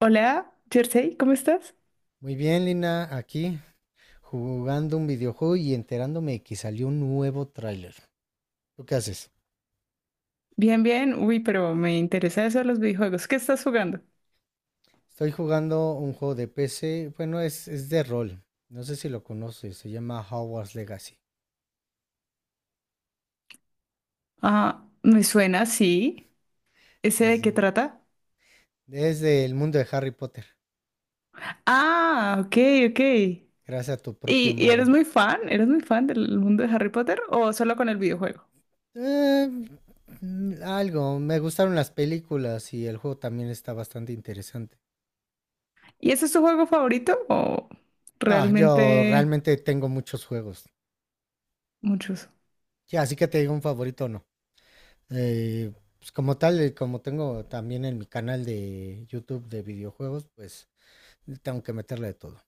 Hola, Jersey, ¿cómo estás? Muy bien, Lina, aquí jugando un videojuego y enterándome que salió un nuevo tráiler. ¿Tú qué haces? Bien, bien. Uy, pero me interesa eso de los videojuegos. ¿Qué estás jugando? Estoy jugando un juego de PC, bueno, es de rol. No sé si lo conoces, se llama Hogwarts Legacy. Ah, me suena, sí. ¿Ese de Así. qué trata? Desde el mundo de Harry Potter, Ah, ok, ok. ¿Y, gracias a tu propio y eres mago. muy fan? ¿Eres muy fan del mundo de Harry Potter o solo con el videojuego? Eh, Algo, me gustaron las películas y el juego también está bastante interesante. ¿Y ese es tu juego favorito o No, yo realmente realmente tengo muchos juegos. muchos? Sí, así que te digo un favorito o no. Eh, pues como tal, como tengo también en mi canal de YouTube de videojuegos, pues tengo que meterle de todo.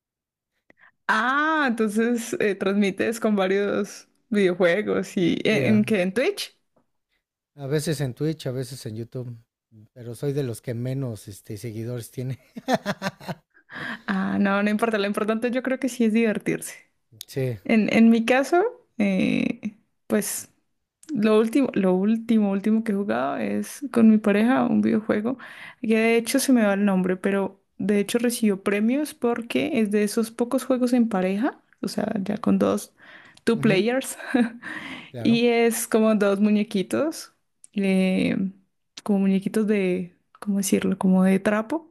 Ah, entonces transmites con varios videojuegos y Sí, ¿en, a en qué? ¿En Twitch? a veces en Twitch, a veces en YouTube, pero soy de los que menos seguidores tiene. Ah, no, no importa. Lo importante yo creo que sí es divertirse. Sí, En mi caso, eh, pues lo último que he jugado es con mi pareja un videojuego que de hecho se me va el nombre, pero de hecho recibió premios porque es de esos pocos juegos en pareja, o sea, ya con dos, two ujú, players, y claro. es como dos muñequitos, eh, como muñequitos de, ¿cómo decirlo? Como de trapo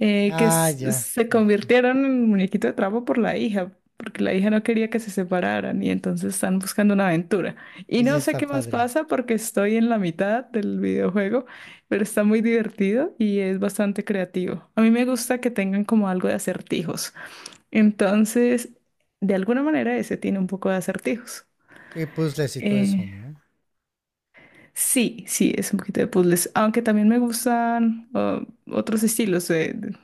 que Ah, ya. se convirtieron en muñequito de trapo por la hija, porque la hija no quería que se separaran y entonces están buscando una aventura. Y Oye, no sé está qué más padre. pasa porque estoy en la mitad del videojuego, pero está muy divertido y es bastante creativo. A mí me gusta que tengan como algo de acertijos. Entonces, de alguna manera ese tiene un poco de acertijos. Sí, puzzles y todo eso, Eh, ¿no? Sí, sí, es un poquito de puzzles, aunque también me gustan otros estilos de, de-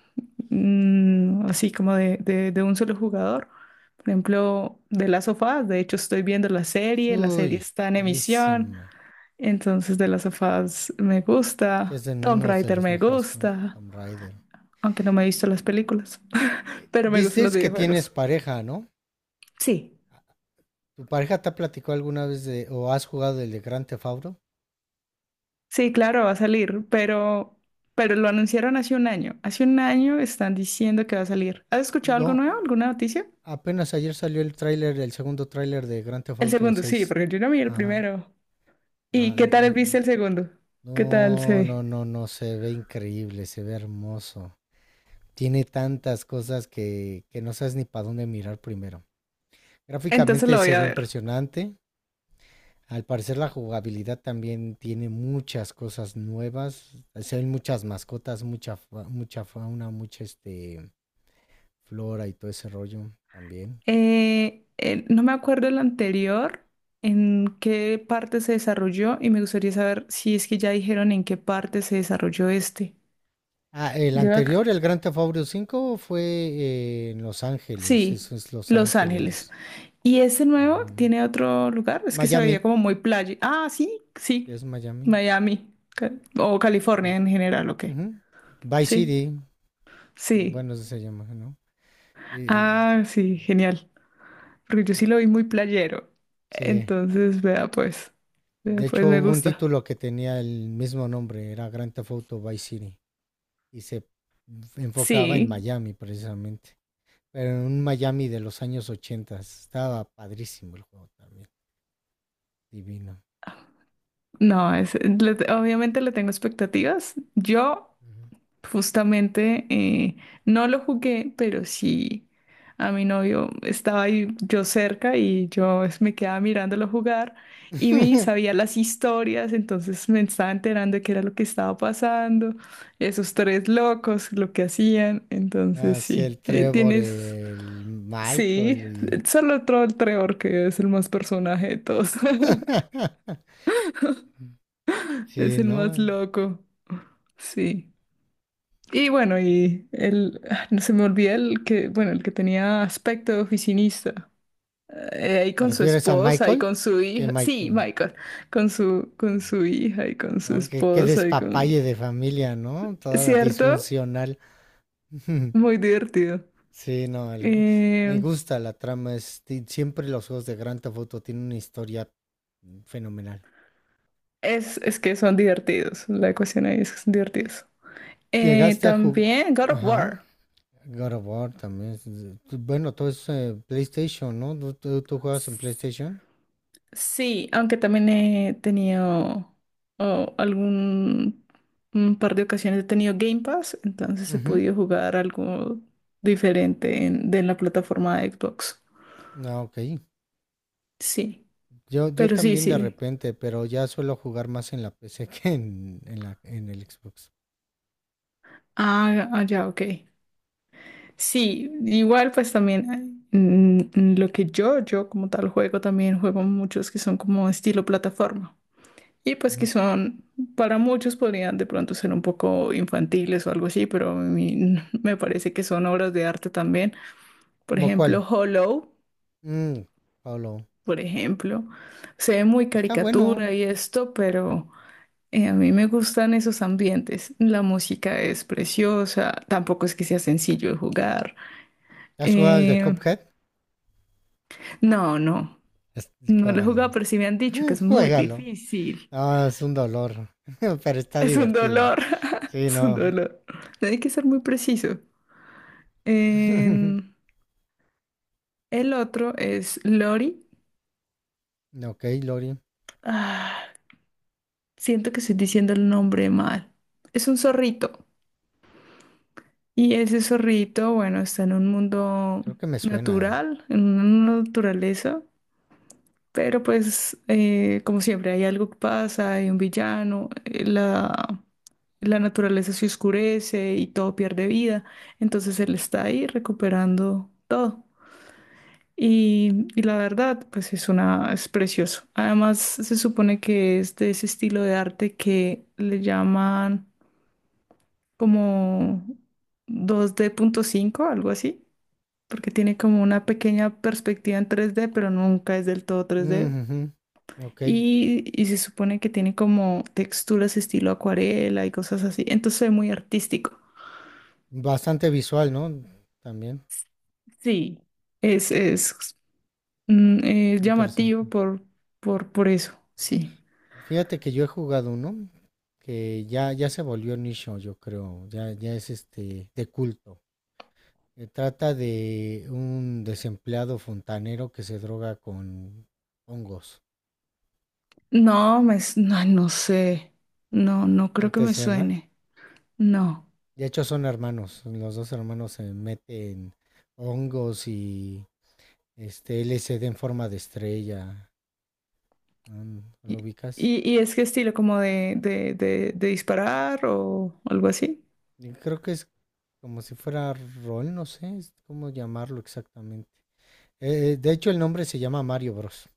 mm, así como de, de un solo jugador. Por ejemplo, de las sofás, de hecho estoy viendo la serie Uy, está en emisión, buenísima. entonces de las sofás me Sí, es gusta, de Tomb uno de Raider los me mejores juegos, gusta, Tomb Raider. aunque no me he visto las películas, pero me gustan los Dices que tienes videojuegos. pareja, ¿no? Sí. ¿Tu pareja te ha platicado alguna vez de o has jugado el de Grand Theft Auto? Sí, claro, va a salir, pero lo anunciaron hace un año. Hace un año están diciendo que va a salir. ¿Has escuchado algo No, nuevo? ¿Alguna noticia? apenas ayer salió el tráiler, el segundo tráiler de Grand Theft El Auto segundo, sí, 6. porque yo no vi el Ajá. primero. ajá, ¿Y qué tal viste n- el segundo? ¿Qué tal se No, ve? no, no, no, se ve increíble, se ve hermoso. Tiene tantas cosas que no sabes ni para dónde mirar primero. Entonces Gráficamente lo voy se a ve ver. impresionante. Al parecer la jugabilidad también tiene muchas cosas nuevas. Se ven muchas mascotas, mucha, mucha fauna, mucha flora y todo ese rollo también. No me acuerdo el anterior, en qué parte se desarrolló, y me gustaría saber si es que ya dijeron en qué parte se desarrolló este. Ah, el Yo ac- anterior, el Grand Theft Auto 5, fue en Los Ángeles. Sí, Eso es Los Los Ángeles. Ángeles. ¿Y ese Ajá. nuevo tiene otro lugar? Es que se veía Miami, como muy playa. Ah, sí, sí. es Miami. Miami. O California en general, ¿o qué? Ujú. Vice Sí, City, sí. bueno, eso se llama, ¿no? Y, Ah, sí, genial. Porque yo sí lo vi muy playero. sí. Entonces, vea pues. De Vea pues, hecho, me hubo un gusta. título que tenía el mismo nombre, era Grand Theft Auto Vice City, y se enfocaba en Sí. Miami precisamente, pero en un Miami de los años 80. Estaba padrísimo el juego también, divino. No, obviamente le tengo expectativas. Yo. Justamente no lo jugué, pero sí a mi novio estaba ahí yo cerca y me quedaba mirándolo jugar y me sabía las historias, entonces me estaba enterando de qué era lo que estaba pasando, esos tres locos, lo que hacían, entonces Así sí, el Trevor, el sí, Michael y... solo Troll Trevor, que es el más personaje de todos, es Sí, el más ¿no? loco, sí. Y bueno, no se me olvida el que, bueno, el que tenía aspecto de oficinista. Ahí ¿Te con su refieres a esposa y Michael? con su Sí, hija. Sí, Michael. Michael, con su, hija y con su ¿No? Qué, qué esposa y con... despapalle de familia, ¿no? Toda ¿Cierto? disfuncional. Muy divertido. Sí, no, me Eh, gusta la trama. Siempre los juegos de Grand Theft Auto tienen una historia fenomenal. es que son divertidos. La ecuación ahí es que son divertidos. Eh, Llegaste a jugar... también God of Ajá. War. God of War también. Bueno, todo es PlayStation, ¿no? ¿Tú, tú juegas en PlayStation? Sí, aunque también he tenido o algún un par de ocasiones he tenido Game Pass, entonces he podido jugar algo diferente de la plataforma de Xbox. Ah, ok. Sí, Yo pero sí, también de sí. repente, pero ya suelo jugar más en la PC que en la, en el Xbox. Ah, ya, ok. Sí, igual pues también lo que yo como tal juego, también juego muchos que son como estilo plataforma. Y pues que Ujú. son, para muchos podrían de pronto ser un poco infantiles o algo así, pero a mí me parece que son obras de arte también. Por ¿Cómo ejemplo, cuál? Hollow, Mm, Pablo. por ejemplo, se ve muy Está bueno. caricatura y esto, pero a mí me gustan esos ambientes. La música es preciosa, tampoco es que sea sencillo de jugar. ¿Has jugado al de Eh, Cuphead? no, no, no lo he jugado, Juégalo. pero sí me han dicho que es muy Juégalo. difícil. Ah, es un dolor, pero está Es un divertido. dolor, Sí, es un no. dolor. Hay que ser muy preciso. En- el otro es Lori. Ok, Lori. Ah, siento que estoy diciendo el nombre mal. Es un zorrito. Y ese zorrito, bueno, está en un mundo Creo que me suena ya. natural, en una naturaleza. Pero pues, como siempre, hay algo que pasa, hay un villano, la naturaleza se oscurece y todo pierde vida. Entonces él está ahí recuperando todo. Y la verdad, pues es precioso. Además, se supone que es de ese estilo de arte que le llaman como 2.5D, algo así, porque tiene como una pequeña perspectiva en 3D, pero nunca es del todo tres d Ujú. Ok. Y se supone que tiene como texturas estilo acuarela y cosas así. Entonces es muy artístico. Bastante visual, ¿no? También. Sí. Es, es, es Interesante. llamativo por eso, sí. Fíjate que yo he jugado uno que ya se volvió nicho, yo creo, ya es de culto. Se trata de un desempleado fontanero que se droga con hongos. No, no, no sé. No, no ¿No creo que te me suena? suene. No. De hecho son hermanos, los dos hermanos se meten hongos y LSD en forma de estrella. ¿No, lo ¿Y, ubicas? y es qué estilo como de disparar o algo así? Y creo que es como si fuera rol, no sé es cómo llamarlo exactamente. De hecho el nombre se llama Mario Bros.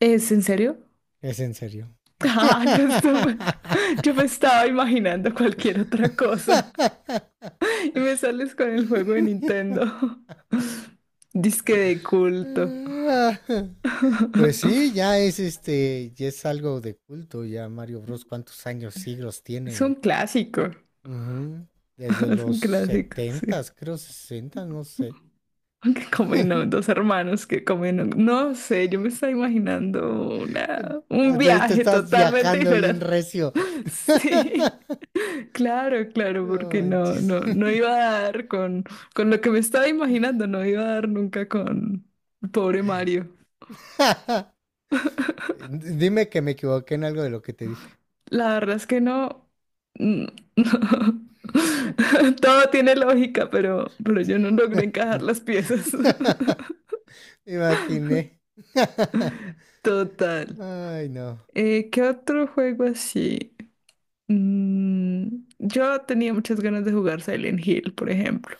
¿Es en serio? Es en serio. Ay, pues, yo me estaba imaginando cualquier otra cosa y me sales con el juego de Nintendo. Disque de culto. Pues sí, ya es algo de culto, ya Mario Bros. ¿Cuántos años, siglos Es un tiene? clásico. Ujú. Desde Es los un clásico, sí. setentas, creo sesenta, no sé. Que comen, ¿no? Dos hermanos que comen, ¿no? No sé, yo me estaba imaginando un Te viaje estás totalmente viajando bien diferente. recio. Sí, claro, claro, No porque no, manches. no, no iba a dar con lo que me estaba imaginando, no iba a dar nunca con pobre Mario. Dime que me equivoqué en algo de lo que te dije. La verdad es que no, mm, no. Todo tiene lógica, pero yo no logré encajar las piezas. Imaginé. Total. Ay, no. ¿Qué otro juego así? Yo tenía muchas ganas de jugar Silent Hill, por ejemplo.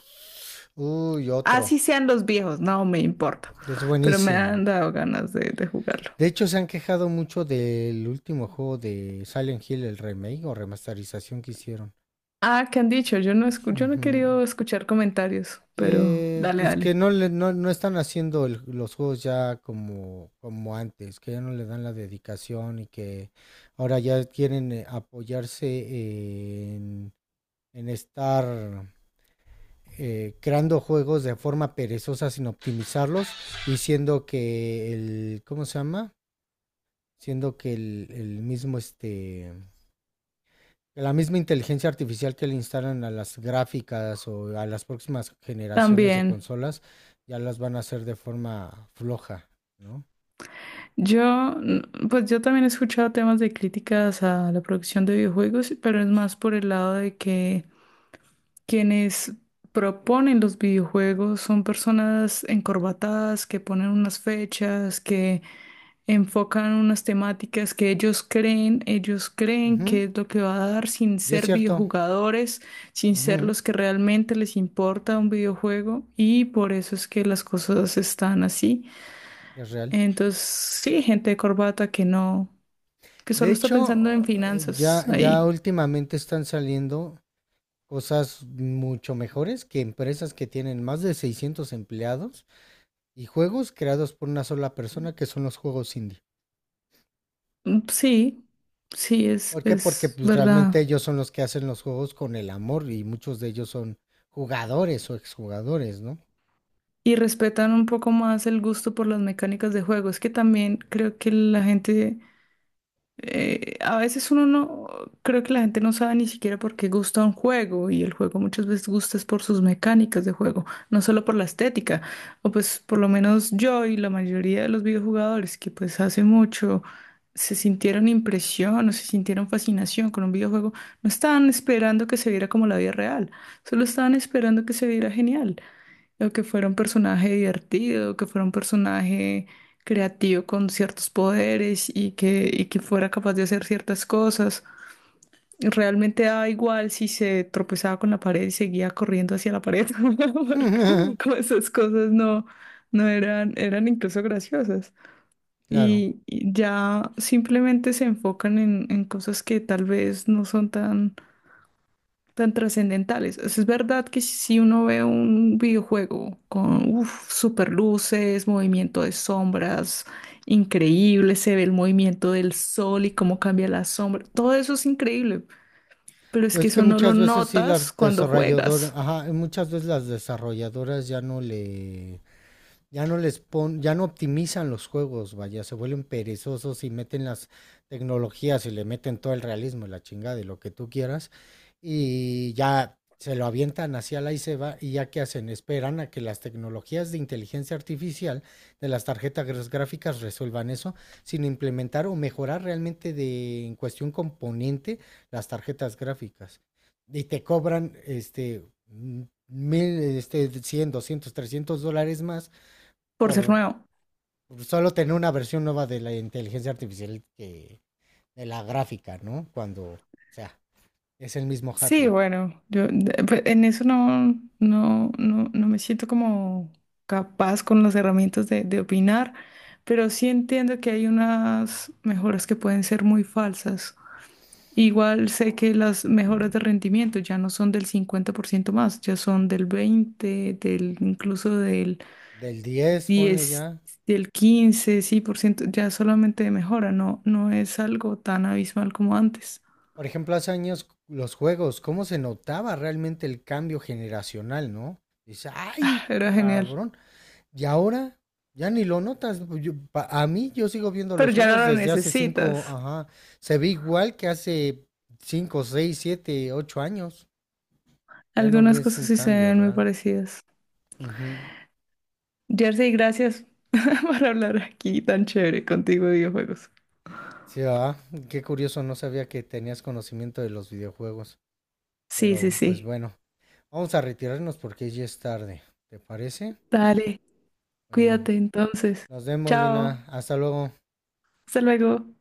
Uy, otro. Así sean los viejos, no me importa, Es pero me buenísimo. han dado ganas de jugarlo. De hecho, se han quejado mucho del último juego de Silent Hill, el remake o remasterización que hicieron. Ah, ¿qué han dicho? Yo no he Ujú. querido escuchar comentarios, pero Que, dale, pues que dale. no, le, no, no están haciendo los juegos ya como, como antes, que ya no le dan la dedicación y que ahora ya quieren apoyarse en estar creando juegos de forma perezosa sin optimizarlos, diciendo que el, ¿cómo se llama? Siendo que el mismo, la misma inteligencia artificial que le instalan a las gráficas o a las próximas generaciones de También. consolas, ya las van a hacer de forma floja, ¿no? Yo, pues yo también he escuchado temas de críticas a la producción de videojuegos, pero es más por el lado de que quienes proponen los videojuegos son personas encorbatadas que ponen unas fechas, que enfocan unas temáticas que ellos creen que Ujú, es lo que va a dar sin y es ser cierto, videojugadores, sin ser ujú, los que realmente les importa un videojuego y por eso es que las cosas están así. es real. Entonces, sí, gente de corbata que no, que De solo está pensando en hecho, finanzas ya ahí. últimamente están saliendo cosas mucho mejores que empresas que tienen más de 600 empleados y juegos creados por una sola persona que son los juegos indie. Mm, sí, sí, es, ¿Por qué? Porque es pues, verdad. realmente ellos son los que hacen los juegos con el amor y muchos de ellos son jugadores o exjugadores, ¿no? Y respetan un poco más el gusto por las mecánicas de juego. Es que también creo que la gente, a veces uno no, creo que la gente no sabe ni siquiera por qué gusta un juego y el juego muchas veces gusta es por sus mecánicas de juego, no solo por la estética, o pues por lo menos yo y la mayoría de los videojugadores que pues hace mucho... se sintieron impresión o se sintieron fascinación con un videojuego, no estaban esperando que se viera como la vida real, solo estaban esperando que se viera genial o que fuera un personaje divertido, o que fuera un personaje creativo con ciertos poderes y que fuera capaz de hacer ciertas cosas. Realmente daba igual si se tropezaba con la pared y seguía corriendo hacia la pared, porque como esas cosas no eran incluso graciosas. Claro. Y ya simplemente se enfocan en cosas que tal vez no son tan tan trascendentales. O sea, es verdad que si uno ve un videojuego con uf, super luces, movimiento de sombras, increíble, se ve el movimiento del sol y cómo cambia la sombra, todo eso es increíble, pero es Pero que es que eso no lo muchas veces sí notas las cuando desarrolladoras, juegas, ajá, muchas veces las desarrolladoras ya no le... Ya no les pon, ya no optimizan los juegos, vaya, se vuelven perezosos y meten las tecnologías y le meten todo el realismo y la chingada y lo que tú quieras. Y ya se lo avientan hacia la y se va. Y ya que hacen, esperan a que las tecnologías de inteligencia artificial de las tarjetas gráficas resuelvan eso, sin implementar o mejorar realmente de, en cuestión componente las tarjetas gráficas. Y te cobran mil, este, $100, $200, $300 más por ser por nuevo. solo tener una versión nueva de la inteligencia artificial que de la gráfica, ¿no? Cuando, o sea, es el mismo Sí, hardware. bueno, pues, en eso no, no me siento como capaz con las herramientas de opinar, pero sí entiendo que hay unas mejoras que pueden ser muy falsas. Igual sé que las mejoras de rendimiento ya no son del 50% más, ya son del 20, del incluso del Del diez, ponle ya. 10, del 15, sí, por ciento, ya solamente de mejora, no es algo tan abismal como antes. Por ejemplo, hace años los juegos, cómo se notaba realmente el cambio generacional, ¿no? Dice, ay, Era genial, cabrón. Y ahora ya ni lo notas. A mí yo sigo viendo pero los ya no juegos lo desde hace 5, necesitas. ajá. Se ve igual que hace 5, 6, 7, 8 años. Ya no Algunas ves cosas un sí se cambio ven muy real. parecidas. Ujú. Jersey, gracias por hablar aquí tan chévere contigo de videojuegos. Sí, ah, qué curioso, no sabía que tenías conocimiento de los videojuegos. Sí, Pero sí, pues sí. bueno, vamos a retirarnos porque ya es tarde. ¿Te parece? Dale, Bueno, cuídate entonces. nos vemos, Dina. Chao, Hasta luego. hasta luego.